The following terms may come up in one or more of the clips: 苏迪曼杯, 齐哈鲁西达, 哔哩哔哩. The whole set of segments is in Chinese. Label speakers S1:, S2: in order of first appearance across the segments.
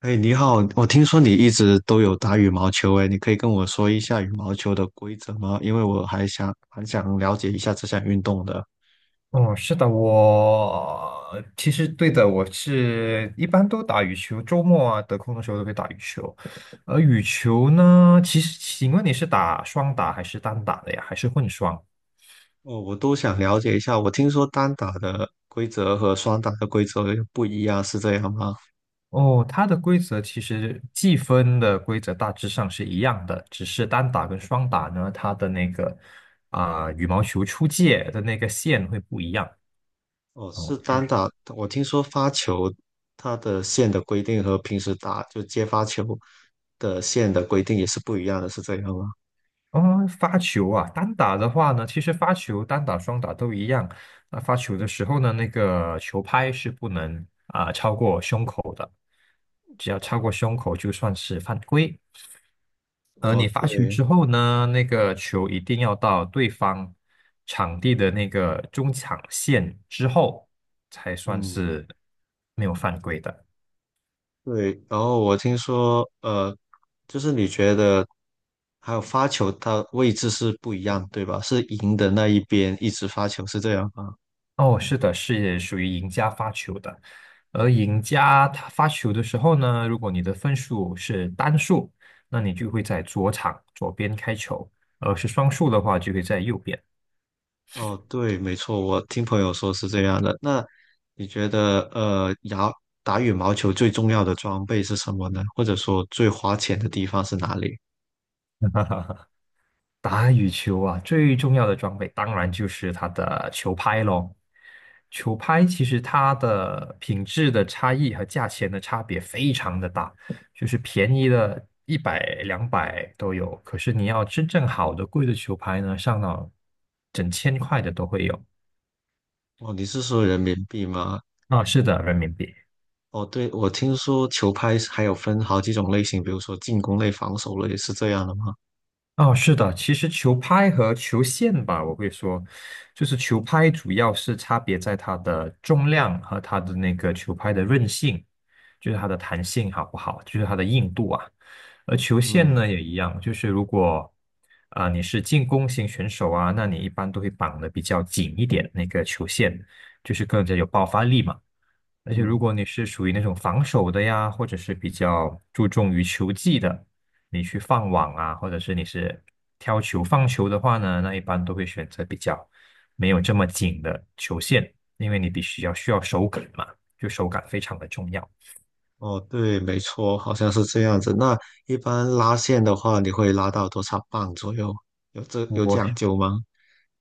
S1: 哎，你好，我听说你一直都有打羽毛球，哎，你可以跟我说一下羽毛球的规则吗？因为我还想蛮想了解一下这项运动的。
S2: 哦，是的，我其实对的，一般都打羽球，周末啊得空的时候都会打羽球。而羽球呢，其实请问你是打双打还是单打的呀？还是混双？
S1: 哦，我都想了解一下。我听说单打的规则和双打的规则又不一样，是这样吗？
S2: 哦，它的规则其实计分的规则大致上是一样的，只是单打跟双打呢，它的那个羽毛球出界的那个线会不一样。
S1: 哦，
S2: 哦。
S1: 是单打。我听说发球它的线的规定和平时打就接发球的线的规定也是不一样的，是这样吗？
S2: 哦，发球啊，单打的话呢，其实发球单打、双打都一样。那发球的时候呢，那个球拍是不能超过胸口的，只要超过胸口就算是犯规。而
S1: 哦，
S2: 你发球
S1: 对，
S2: 之后呢，那个球一定要到对方场地的那个中场线之后，才算
S1: 嗯。
S2: 是没有犯规的。
S1: 对，然后我听说，就是你觉得还有发球，它位置是不一样，对吧？是赢的那一边一直发球，是这样吗？
S2: 哦，是的，是属于赢家发球的。而赢家他发球的时候呢，如果你的分数是单数，那你就会在左场左边开球；而是双数的话，就会在右边。
S1: 哦，对，没错，我听朋友说是这样的。那你觉得，打羽毛球最重要的装备是什么呢？或者说最花钱的地方是哪里？
S2: 打羽球啊，最重要的装备当然就是它的球拍咯。球拍其实它的品质的差异和价钱的差别非常的大，就是便宜的一百两百都有，可是你要真正好的贵的球拍呢，上到整千块的都会有。
S1: 哦，你是说人民币吗？
S2: 啊，是的，人民币。
S1: 哦，对，我听说球拍是还有分好几种类型，比如说进攻类、防守类，是这样的吗？
S2: 哦，是的，其实球拍和球线吧，我会说，就是球拍主要是差别在它的重量和它的那个球拍的韧性，就是它的弹性好不好，就是它的硬度啊。而球线
S1: 嗯
S2: 呢也一样，就是如果你是进攻型选手啊，那你一般都会绑的比较紧一点，那个球线就是更加有爆发力嘛。而且如
S1: 嗯。
S2: 果你是属于那种防守的呀，或者是比较注重于球技的，你去放网啊，或者是你是挑球放球的话呢，那一般都会选择比较没有这么紧的球线，因为你必须要需要手感嘛，就手感非常的重要。
S1: 哦，对，没错，好像是这样子。那一般拉线的话，你会拉到多少磅左右？有这有
S2: 我是
S1: 讲究吗？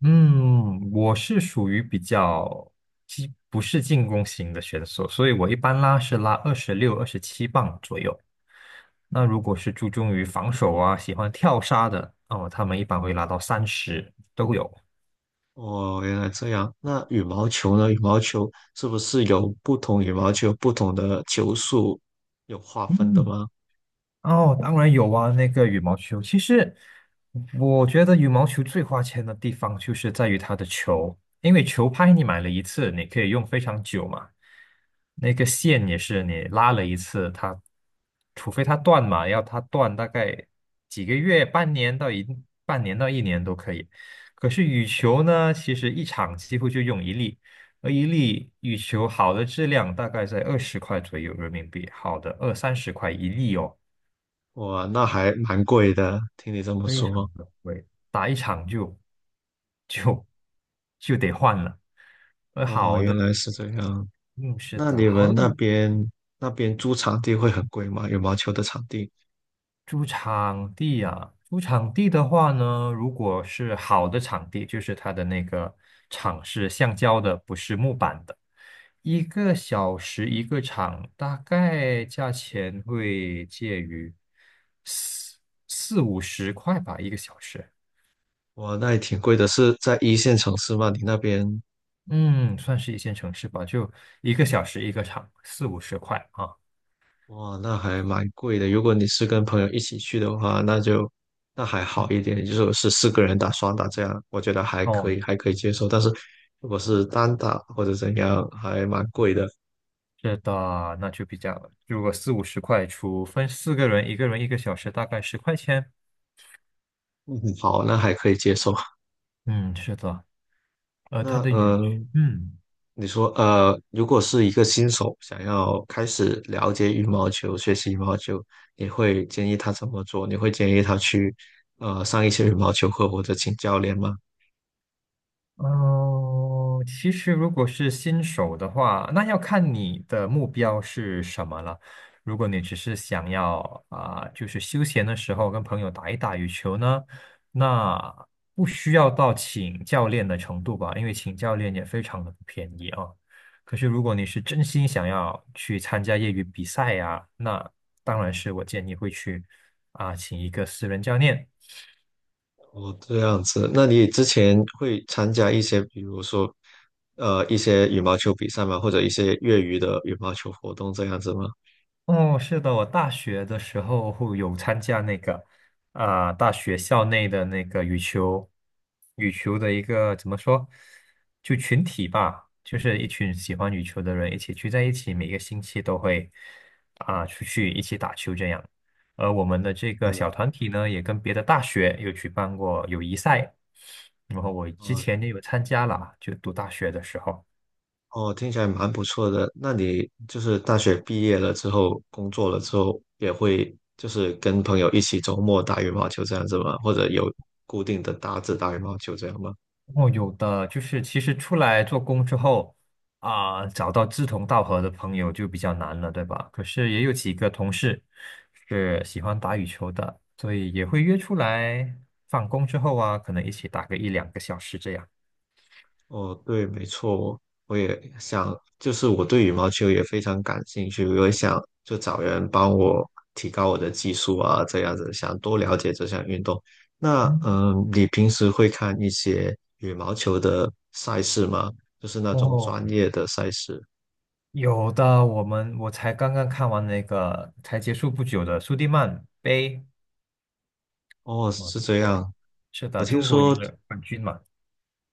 S2: 嗯，我是属于比较既不是进攻型的选手，所以我一般拉是拉26、27磅左右。那如果是注重于防守啊，喜欢跳杀的，哦，他们一般会拉到三十都有。
S1: 哦，原来这样。那羽毛球呢？羽毛球是不是有不同羽毛球不同的球速有划分的
S2: 嗯，
S1: 吗？
S2: 哦，当然有啊，那个羽毛球。其实我觉得羽毛球最花钱的地方就是在于它的球，因为球拍你买了一次，你可以用非常久嘛。那个线也是你拉了一次，它除非它断嘛，要它断大概几个月、半年到一年都可以。可是羽球呢，其实一场几乎就用一粒，而一粒羽球好的质量大概在20块左右人民币，好的二三十块一粒哦。
S1: 哇，那还蛮贵的。听你这么
S2: 非常
S1: 说，
S2: 的贵，打一场就就得换了。
S1: 哦，
S2: 好的，
S1: 原来是这样。
S2: 嗯，是
S1: 那
S2: 的，
S1: 你们
S2: 好的，
S1: 那边租场地会很贵吗？羽毛球的场地？
S2: 租场地啊，租场地的话呢，如果是好的场地，就是它的那个场是橡胶的，不是木板的，一个小时一个场，大概价钱会介于四四五十块吧，一个小时。
S1: 哇，那也挺贵的，是在一线城市吗？你那边
S2: 嗯，算是一线城市吧，就一个小时一个场，四五十块啊。
S1: 哇，那还蛮贵的。如果你是跟朋友一起去的话，那就那还好
S2: 嗯，
S1: 一点，就是我是四个人打双打这样，我觉得还可
S2: 哦，
S1: 以，还可以接受。但是如果是单打或者怎样，还蛮贵的。
S2: 是的，那就比较，如果四五十块除分四个人，一个人一个小时，大概10块钱。
S1: 嗯，好，那还可以接受。
S2: 嗯，是的，它
S1: 那
S2: 的语，嗯。
S1: 你说如果是一个新手想要开始了解羽毛球、学习羽毛球，你会建议他怎么做？你会建议他去上一些羽毛球课或者请教练吗？
S2: 哦，其实如果是新手的话，那要看你的目标是什么了。如果你只是想要就是休闲的时候跟朋友打一打羽球呢，那不需要到请教练的程度吧，因为请教练也非常的不便宜啊。可是如果你是真心想要去参加业余比赛呀、那当然是我建议会去请一个私人教练。
S1: 哦，这样子，那你之前会参加一些，比如说，一些羽毛球比赛吗？或者一些业余的羽毛球活动这样子吗？
S2: 哦，是的，我大学的时候会有参加那个，大学校内的那个羽球，羽球的一个怎么说，就群体吧，就是一群喜欢羽球的人一起聚在一起，每个星期都会出去一起打球这样。而我们的这
S1: 对
S2: 个
S1: 吗？
S2: 小团体呢，也跟别的大学有举办过友谊赛，然后我之
S1: 哦
S2: 前也有参加了，就读大学的时候。
S1: 哦，听起来蛮不错的。那你就是大学毕业了之后，工作了之后，也会就是跟朋友一起周末打羽毛球这样子吗？或者有固定的搭子打羽毛球这样吗？
S2: 哦，有的，就是其实出来做工之后啊，找到志同道合的朋友就比较难了，对吧？可是也有几个同事是喜欢打羽球的，所以也会约出来放工之后啊，可能一起打个一两个小时这样。
S1: 哦，对，没错，我也想，就是我对羽毛球也非常感兴趣，我也想就找人帮我提高我的技术啊，这样子想多了解这项运动。那
S2: 嗯，
S1: 嗯，你平时会看一些羽毛球的赛事吗？就是那种
S2: 哦，
S1: 专业的赛事？
S2: 有的，我才刚刚看完那个才结束不久的苏迪曼杯，
S1: 哦，
S2: 哦，
S1: 是
S2: 中
S1: 这
S2: 国，
S1: 样。
S2: 是
S1: 我
S2: 的，
S1: 听
S2: 中国
S1: 说，
S2: 赢了冠军嘛。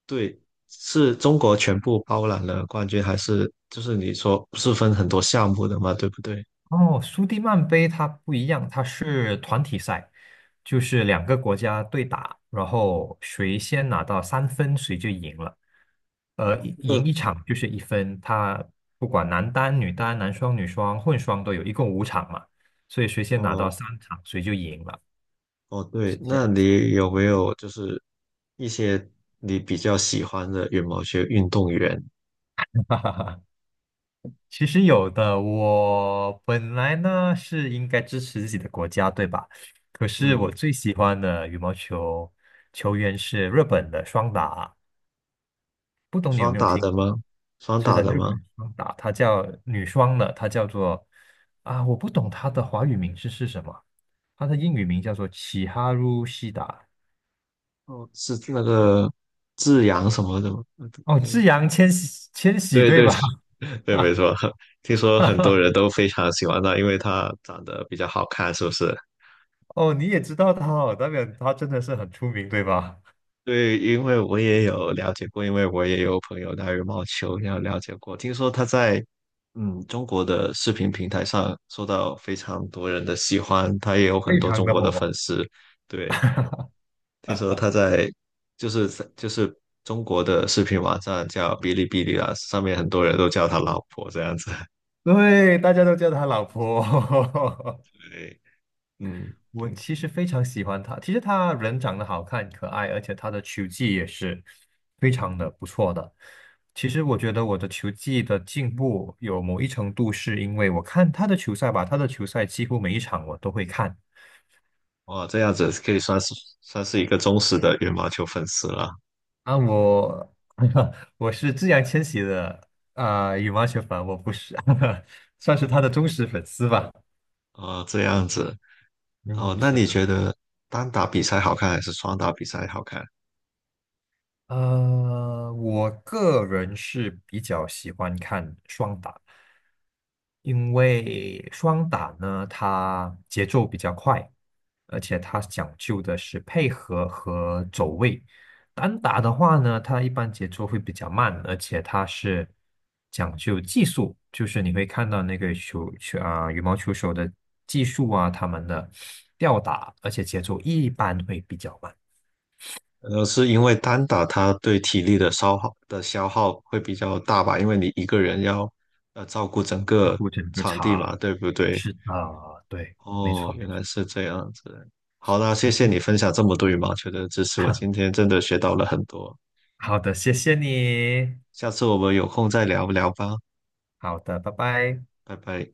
S1: 对，是中国全部包揽了冠军，还是就是你说不是分很多项目的嘛，对不对？
S2: 哦，苏迪曼杯它不一样，它是团体赛，就是两个国家对打，然后谁先拿到3分，谁就赢了。
S1: 我
S2: 一
S1: 这
S2: 赢
S1: 个。
S2: 一场就是1分，它不管男单、女单、男双、女双、混双都有，一共5场嘛，所以谁先拿到
S1: 哦，
S2: 3场，谁就赢了，
S1: 哦，对，
S2: 是这样
S1: 那
S2: 子。
S1: 你有没有就是一些你比较喜欢的羽毛球运动员？
S2: 其实有的，我本来呢是应该支持自己的国家，对吧？可是我
S1: 嗯，
S2: 最喜欢的羽毛球球员是日本的双打。不懂你有
S1: 双
S2: 没有
S1: 打
S2: 听？
S1: 的吗？双
S2: 是
S1: 打
S2: 的，
S1: 的
S2: 日
S1: 吗？
S2: 本双打，它叫女双的，它叫做啊，我不懂它的华语名字是什么，它的英语名叫做齐哈鲁西达。
S1: 哦，是那个志扬什么的吗？嗯
S2: 哦，志扬千玺，千玺
S1: 对
S2: 对
S1: 对对，
S2: 吧？
S1: 对没错。听说很多人都非常喜欢他，因为他长得比较好看，是不是？
S2: 哦，你也知道他哦，代表他真的是很出名对吧？
S1: 对，因为我也有了解过，因为我也有朋友打羽毛球，也有了解过。听说他在嗯中国的视频平台上受到非常多人的喜欢，他也有很
S2: 非
S1: 多
S2: 常
S1: 中
S2: 的
S1: 国的粉
S2: 火，
S1: 丝。对，听说他在就是就是中国的视频网站叫哔哩哔哩啊，上面很多人都叫他老婆这样子。
S2: 对，大家都叫他老婆。
S1: 对，嗯，
S2: 我
S1: 对，
S2: 其实非常喜欢他，其实他人长得好看、可爱，而且他的球技也是非常的不错的。其实我觉得我的球技的进步有某一程度是因为我看他的球赛吧，他的球赛几乎每一场我都会看。
S1: 哇，这样子可以算是算是一个忠实的羽毛球粉丝了
S2: 啊，我 我是自然千玺的羽毛球粉，我不是，算是他的忠实粉丝吧。
S1: 啊，这样子。哦，
S2: 嗯，
S1: 那
S2: 是
S1: 你
S2: 的。
S1: 觉得单打比赛好看还是双打比赛好看？
S2: 我个人是比较喜欢看双打，因为双打呢，它节奏比较快，而且它讲究的是配合和走位。单打的话呢，它一般节奏会比较慢，而且它是讲究技术，就是你会看到那个球球啊，羽毛球手的技术啊，他们的吊打，而且节奏一般会比较慢，
S1: 呃，是因为单打它对体力的消耗会比较大吧？因为你一个人要照顾整
S2: 要
S1: 个
S2: 顾整个
S1: 场地嘛，
S2: 场。
S1: 对不对？
S2: 是的，对，没错
S1: 哦，
S2: 没
S1: 原来
S2: 错。
S1: 是这样子。好啦，谢
S2: 可
S1: 谢
S2: 是，
S1: 你分享这么多羽毛球的知识，我今 天真的学到了很多。
S2: 好的，谢谢你。
S1: 下次我们有空再聊聊吧，
S2: 好的，拜拜。
S1: 拜拜。